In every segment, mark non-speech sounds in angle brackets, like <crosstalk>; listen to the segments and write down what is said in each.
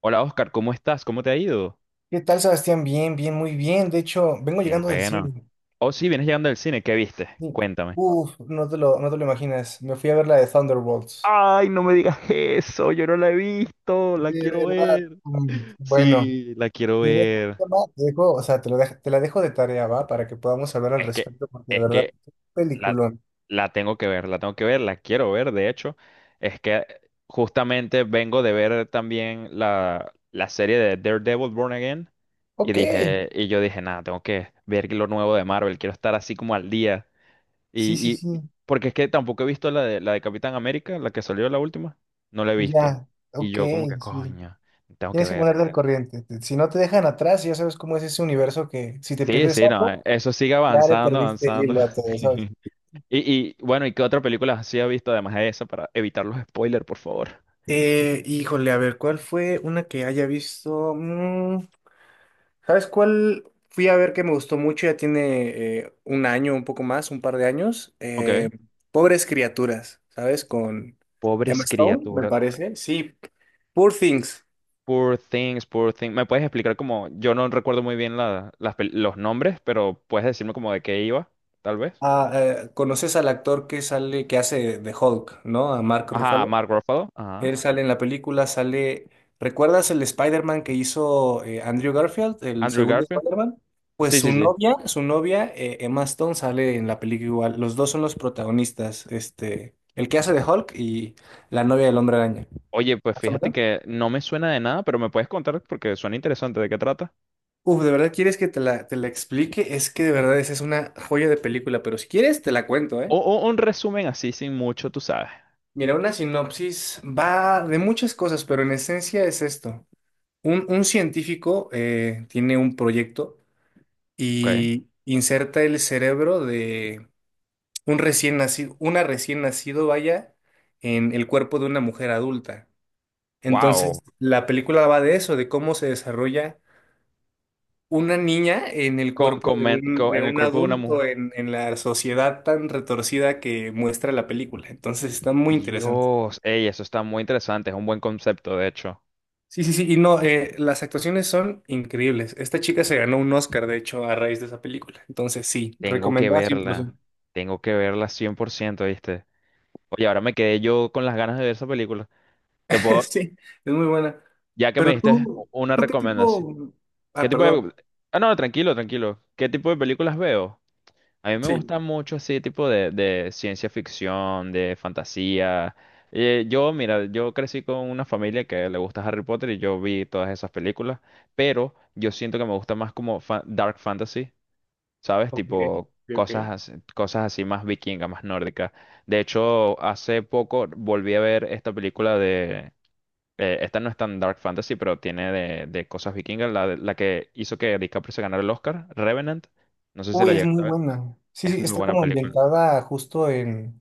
Hola Oscar, ¿cómo estás? ¿Cómo te ha ido? ¿Qué tal, Sebastián? Bien, bien, muy bien. De hecho, vengo Qué llegando del bueno. cine. Oh, sí, vienes llegando del cine, ¿qué viste? Sí. Cuéntame. Uf, no te lo imaginas. Me fui a ver la de Thunderbolts. Ay, no me digas eso, yo no la he visto, la De quiero verdad. ver. Bueno, Sí, la quiero te dejo, ver. ¿no? te dejo- o sea, te lo dejo- te la dejo de tarea, ¿va? Para que podamos hablar al Es que, respecto, porque de es verdad, que qué la, peliculón. la tengo que ver, la tengo que ver, la quiero ver, de hecho. Es que justamente vengo de ver también la serie de Daredevil Born Again. Y Ok, dije, y yo dije, nada, tengo que ver lo nuevo de Marvel, quiero estar así como al día. sí, Y, sí, y sí, porque es que tampoco he visto la de Capitán América, la que salió la última, no la he visto. ya, Y ok, yo como que, sí. coño, tengo que Tienes que verla. ponerte Y al tal. corriente. Si no te dejan atrás, ya sabes cómo es ese universo que si te Sí, pierdes sí, no, algo, eso sigue ya le avanzando, perdiste el avanzando. hilo a todo, ¿sabes? <laughs> Y, y bueno, ¿y qué otra película sí ha visto además de esa para evitar los spoilers, por favor? Híjole, a ver, ¿cuál fue una que haya visto? ¿Sabes cuál fui a ver que me gustó mucho? Ya tiene un año, un poco más, un par de años. Ok. Pobres criaturas, ¿sabes? Con Emma Pobres Stone, me criaturas. parece. Sí, Poor Things. Poor things, poor things. ¿Me puedes explicar como, yo no recuerdo muy bien los nombres, pero puedes decirme como de qué iba, tal vez? ¿Conoces al actor que sale, que hace de Hulk, ¿no? A Mark Ajá, Ruffalo. Mark Ruffalo. Ajá. Él sale en la película, sale. ¿Recuerdas el Spider-Man que hizo Andrew Garfield, el Andrew segundo Garfield. Spider-Man? Pues Sí, su sí, sí. novia, su novia, eh, Emma Stone, sale en la película igual. Los dos son los protagonistas. Este, el que hace de Hulk y la novia del Hombre Araña. Oye, pues ¿Más o fíjate menos? que no me suena de nada, pero me puedes contar porque suena interesante de qué trata. Uf, ¿de verdad quieres que te la explique? Es que de verdad esa es una joya de película, pero si quieres te la cuento, O, ¿eh? o un resumen así, sin mucho, tú sabes. Mira, una sinopsis va de muchas cosas, pero en esencia es esto. Un científico tiene un proyecto Ok. y inserta el cerebro de un recién nacido, una recién nacido, vaya, en el cuerpo de una mujer adulta. Wow. Entonces, la película va de eso, de cómo se desarrolla una niña en el cuerpo de un, de En el un cuerpo de una mujer. adulto en la sociedad tan retorcida que muestra la película. Entonces, está muy interesante. Dios. Ey, eso está muy interesante. Es un buen concepto, de hecho. Sí, sí, sí, y no, las actuaciones son increíbles. Esta chica se ganó un Oscar, de hecho, a raíz de esa película. Entonces, sí, Tengo que recomendada verla. 100%. Tengo que verla 100%, ¿viste? Oye, ahora me quedé yo con las ganas de ver esa película. Te <laughs> puedo, Sí, es muy buena. ya que me Pero diste tú, una ¿tú qué recomendación. tipo? ¿Qué Ah, tipo perdón. de... Ah, no, tranquilo, tranquilo. ¿Qué tipo de películas veo? A mí me Sí. gusta mucho ese tipo de ciencia ficción, de fantasía. Mira, yo crecí con una familia que le gusta Harry Potter y yo vi todas esas películas, pero yo siento que me gusta más como dark fantasy, ¿sabes? Ok, Tipo ok, ok. cosas así más vikinga, más nórdica. De hecho, hace poco volví a ver esta película esta no es tan dark fantasy, pero tiene de cosas vikingas, la que hizo que DiCaprio se ganara el Oscar, Revenant. No sé si la Uy, es llegaste muy a ver. buena. Sí, Es sí, muy está buena como película. ambientada justo en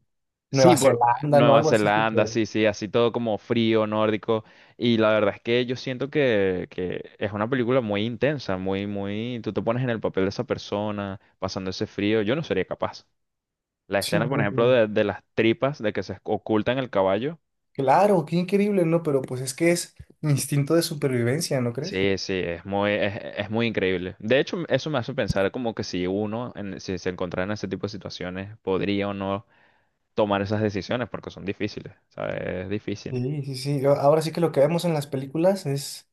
Sí, Nueva por Zelanda, ¿no? Nueva Algo así Zelanda, súper. sí, sí, así todo como frío, nórdico. Y la verdad es que yo siento que es una película muy intensa, muy, muy. Tú te pones en el papel de esa persona, pasando ese frío. Yo no sería capaz. La Sí, escena, por no, ejemplo, no, de las tripas, de que se ocultan el caballo. claro, qué increíble, ¿no? Pero pues es que es instinto de supervivencia, ¿no crees? Sí, sí, es muy increíble. De hecho, eso me hace pensar como que si uno, si se encontrara en ese tipo de situaciones, podría o no tomar esas decisiones, porque son difíciles, ¿sabes? Es difícil. Sí, sí, sí. Ahora sí que lo que vemos en las películas es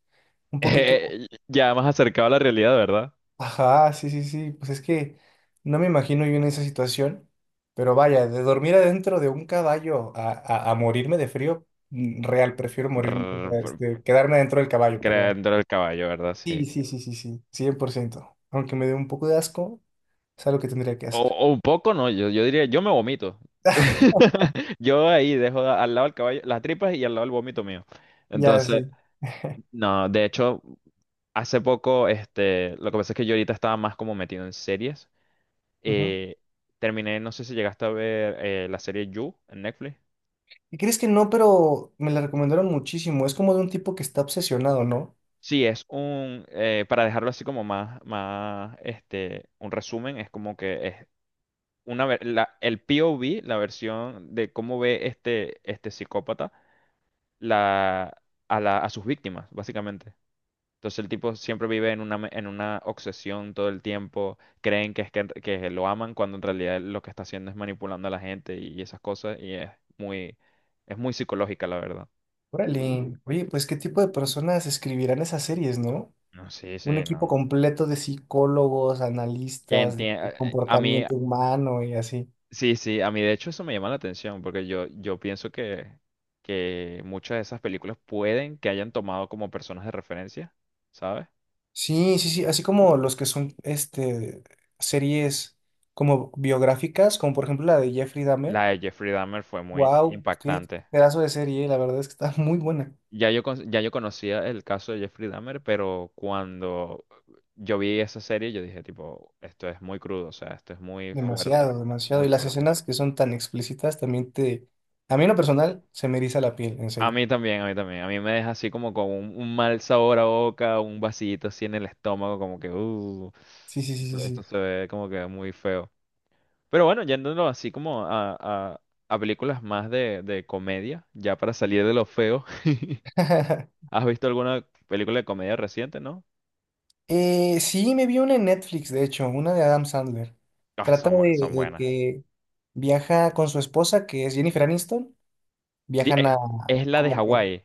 un poquito. Ya más acercado a la realidad, ¿verdad? Ajá, sí, sí, sí. Pues es que no me imagino yo en esa situación, pero vaya, de dormir adentro de un caballo a, a morirme de frío, real, prefiero morir, Rrr, este, quedarme dentro del caballo, perdón. creando el caballo, ¿verdad? Sí. Sí, sí, sí, sí, sí, cien por ciento. Aunque me dé un poco de asco, es algo que tendría que O, hacer. o un poco, no, yo diría, yo me vomito. <laughs> <laughs> Yo ahí dejo al lado del caballo las tripas y al lado el vómito mío. Ya, Entonces, sí. no, de hecho, hace poco, este, lo que pasa es que yo ahorita estaba más como metido en series. Ujú. Eh, Terminé, no sé si llegaste a ver la serie You en Netflix. ¿Y crees que no? Pero me la recomendaron muchísimo. Es como de un tipo que está obsesionado, ¿no? Sí, es para dejarlo así como más, este, un resumen, es como que el POV, la versión de cómo ve este psicópata la, a sus víctimas, básicamente. Entonces el tipo siempre vive en una obsesión todo el tiempo, creen que lo aman cuando en realidad lo que está haciendo es manipulando a la gente y esas cosas, y muy, es muy psicológica, la verdad. Órale. Oye, pues ¿qué tipo de personas escribirán esas series, no? No, sí, Un sí, no, equipo no. completo de psicólogos, Que analistas, enti- de a a mí, comportamiento humano y así. sí, sí, a mí de hecho eso me llama la atención, porque yo pienso que muchas de esas películas pueden que hayan tomado como personas de referencia, ¿sabes? Sí, sí, sí, así como los que son este, series como biográficas, como por ejemplo la de Jeffrey Dahmer. La de Jeffrey Dahmer fue muy Wow, qué impactante. pedazo de serie, la verdad es que está muy buena. Ya yo conocía el caso de Jeffrey Dahmer, pero cuando yo vi esa serie, yo dije, tipo, esto es muy crudo, o sea, esto es muy fuerte, Demasiado, demasiado. muy Y las fuerte. escenas que son tan explícitas también te... A mí en lo personal se me eriza la piel, en A serio. mí también, a mí también. A mí me deja así como con un mal sabor a boca, un vacío así en el estómago, como que, Sí, sí, sí, esto sí, se ve como que muy feo. Pero bueno, yéndonos así como a películas más de comedia, ya para salir de lo feo. <laughs> sí. <laughs> ¿Has visto alguna película de comedia reciente, no? Sí, me vi una en Netflix, de hecho, una de Adam Sandler. Ah, Trata de, son de buenas. que viaja con su esposa, que es Jennifer Aniston. Di- Viajan eh, a, Es la de como que, Hawái.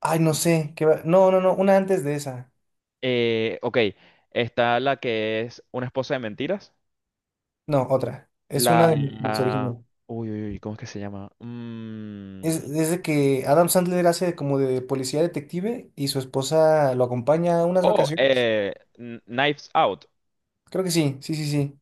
ay, no Mm, sé, qué va- no, no, no, una antes de esa. ok, está la que es una esposa de mentiras. No, otra. Es una La... de Netflix la- original. Uy, uy, uy, ¿cómo es que se llama? Es de que Adam Sandler hace como de policía detective y su esposa lo acompaña a unas Oh, vacaciones. Knives Out. Creo que sí, sí, sí, sí.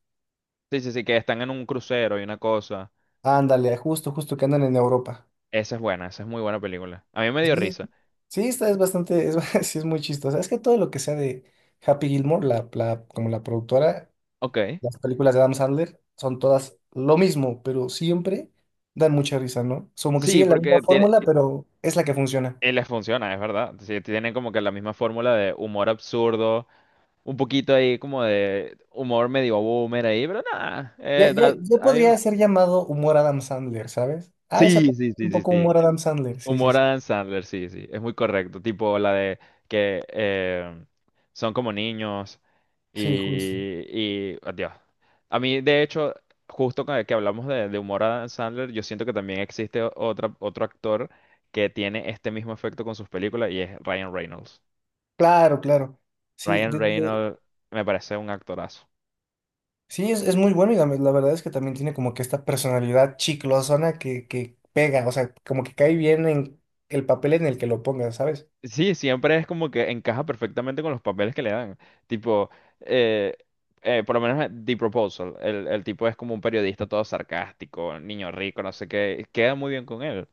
Sí, sí, sí, que están en un crucero y una cosa. Ándale, justo, justo que andan en Europa. Esa es buena, esa es muy buena película. A mí me dio Sí, risa. sí, esta es bastante, es, <laughs> sí, es muy chistosa. Es que todo lo que sea de Happy Gilmore, como la productora, Ok. las películas de Adam Sandler son todas lo mismo, pero siempre dan mucha risa, ¿no? Es como que Sí, sigue la misma porque fórmula, pero es la que funciona. Les funciona, es verdad. Sí, tienen como que la misma fórmula de humor absurdo, un poquito ahí como de humor medio boomer ahí, pero nada. Ya, ya, ya a mí me- podría ser llamado humor Adam Sandler, ¿sabes? Ah, esa Sí, sí, película es sí, un sí, poco sí. humor Adam Sandler, sí, sí, Humor sí. Adam Sandler, sí, sí, es muy correcto. Tipo la de que son como niños. Sí, justo. Y, y adiós. A mí, de hecho, justo con el que hablamos de humor Adam Sandler, yo siento que también existe otro actor que tiene este mismo efecto con sus películas y es Ryan Reynolds. Claro, claro. Sí, Ryan desde, Reynolds me parece un actorazo. sí, es muy bueno y la verdad es que también tiene como que esta personalidad chiclosona que pega, o sea, como que cae bien en el papel en el que lo pongas, ¿sabes? Sí, siempre es como que encaja perfectamente con los papeles que le dan. Tipo, eh, por lo menos en The Proposal. El tipo es como un periodista todo sarcástico, niño rico, no sé qué. Queda muy bien con él.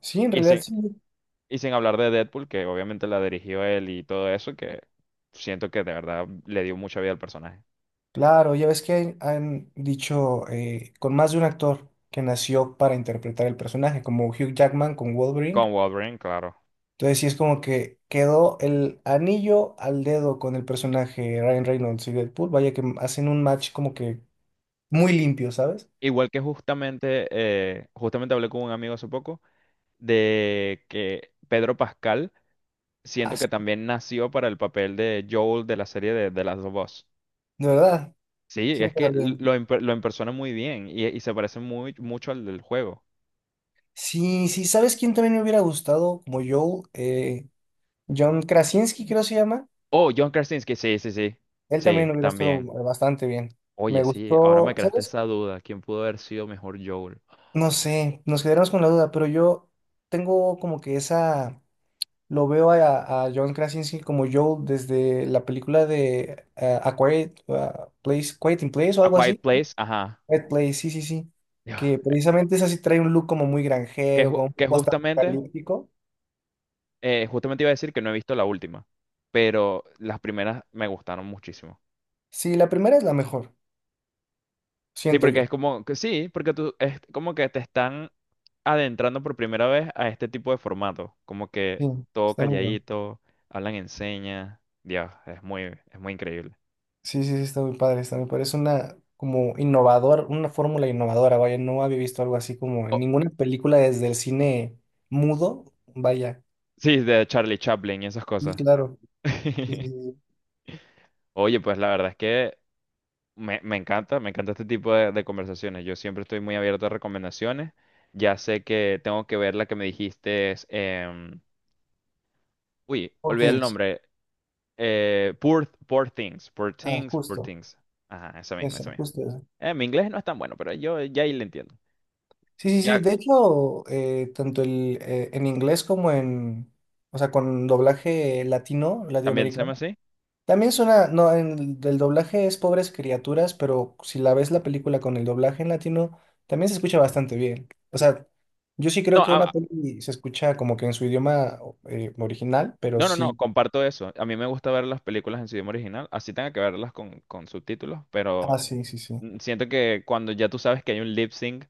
Sí, en y realidad sí. Y sin hablar de Deadpool, que obviamente la dirigió él y todo eso, que siento que de verdad le dio mucha vida al personaje. Claro, ya ves que han dicho con más de un actor que nació para interpretar el personaje, como Hugh Jackman con Con Wolverine. Wolverine, claro. Entonces sí es como que quedó el anillo al dedo con el personaje Ryan Reynolds y Deadpool, vaya que hacen un match como que muy limpio, ¿sabes? Igual que justamente hablé con un amigo hace poco de que Pedro Pascal siento que Así, también nació para el papel de Joel de la serie de The Last of Us. de verdad, Sí, sí le es que queda bien. lo empersona muy bien y se parece mucho al del juego. Sí, sí, ¿sabes quién también me hubiera gustado? Como Joel, John Krasinski creo se llama. Oh, John Krasinski, sí, sí, sí. Él Sí, también hubiera estado también. bastante bien. Me Oye, sí, ahora me gustó, creaste ¿sabes? esa duda. ¿Quién pudo haber sido mejor Joel? No sé, nos quedaremos con la duda, pero yo tengo como que esa, lo veo a John Krasinski como Joel desde la película de A Quiet Place, Quiet in Place o A algo Quiet así. Place, ajá. Quiet Place, sí, sí, sí. Que Ya. precisamente es así, trae un look como muy Que, granjero, ju- como un que poco hasta justamente, apocalíptico. Justamente iba a decir que no he visto la última, pero las primeras me gustaron muchísimo. Sí, la primera es la mejor, Sí, siento porque es yo. como que sí, porque tú es como que te están adentrando por primera vez a este tipo de formato, como que Sí, todo está muy bueno. calladito, hablan en señas, Dios, es muy increíble. Sí, sí, sí, está muy padre, está muy padre. Es una como innovador, una fórmula innovadora, vaya, no había visto algo así como en Oh, ninguna película desde el cine mudo, vaya. sí, de Charlie Chaplin y esas Sí, cosas. claro. <laughs> Y Oye, pues la verdad es que me encanta, me encanta este tipo de conversaciones. Yo siempre estoy muy abierto a recomendaciones. Ya sé que tengo que ver la que me dijiste. Uy, Poor olvidé el Things. nombre. Poor Things. Poor Ah, Things, Poor justo, Things. Ajá, esa misma, esa, esa misma. justo esa. Mi inglés no es tan bueno, pero yo ya ahí le entiendo. Sí, sí, sí, Ya, de hecho, tanto el, en inglés como en, o sea, con doblaje latino, ¿también se llama latinoamericano. así? También suena, no, el doblaje es Pobres Criaturas, pero si la ves la película con el doblaje en latino, también se escucha bastante bien. O sea, yo sí creo No, que una peli se escucha como que en su idioma original, pero no, no, no, sí. comparto eso. A mí me gusta ver las películas en su idioma original, así tenga que verlas con subtítulos, pero Ah, sí, sí, sí. Siento que cuando ya tú sabes que hay un lip sync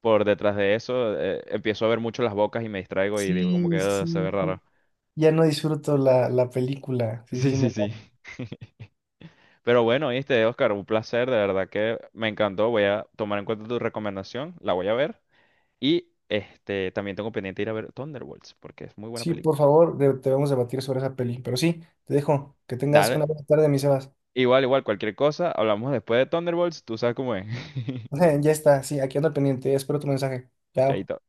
por detrás de eso, empiezo a ver mucho las bocas y me distraigo y digo como que Sí, "Ah, se sí, ve sí. raro. <laughs> Ya no disfruto la película. Sí, sí, Sí, sí, sí, me sí. pasa. <laughs> Pero bueno, viste, Oscar, un placer, de verdad que me encantó. Voy a tomar en cuenta tu recomendación, la voy a ver. Y este, también tengo pendiente ir a ver Thunderbolts, porque es muy buena Sí, por película. favor, debemos debatir sobre esa peli. Pero sí, te dejo. Que tengas una Dale, buena tarde, mi Sebas. igual, igual, cualquier cosa, hablamos después de Thunderbolts, tú sabes cómo es. <laughs> <laughs> Ya está, sí, aquí ando al pendiente. Espero tu mensaje. Chao. Chaito.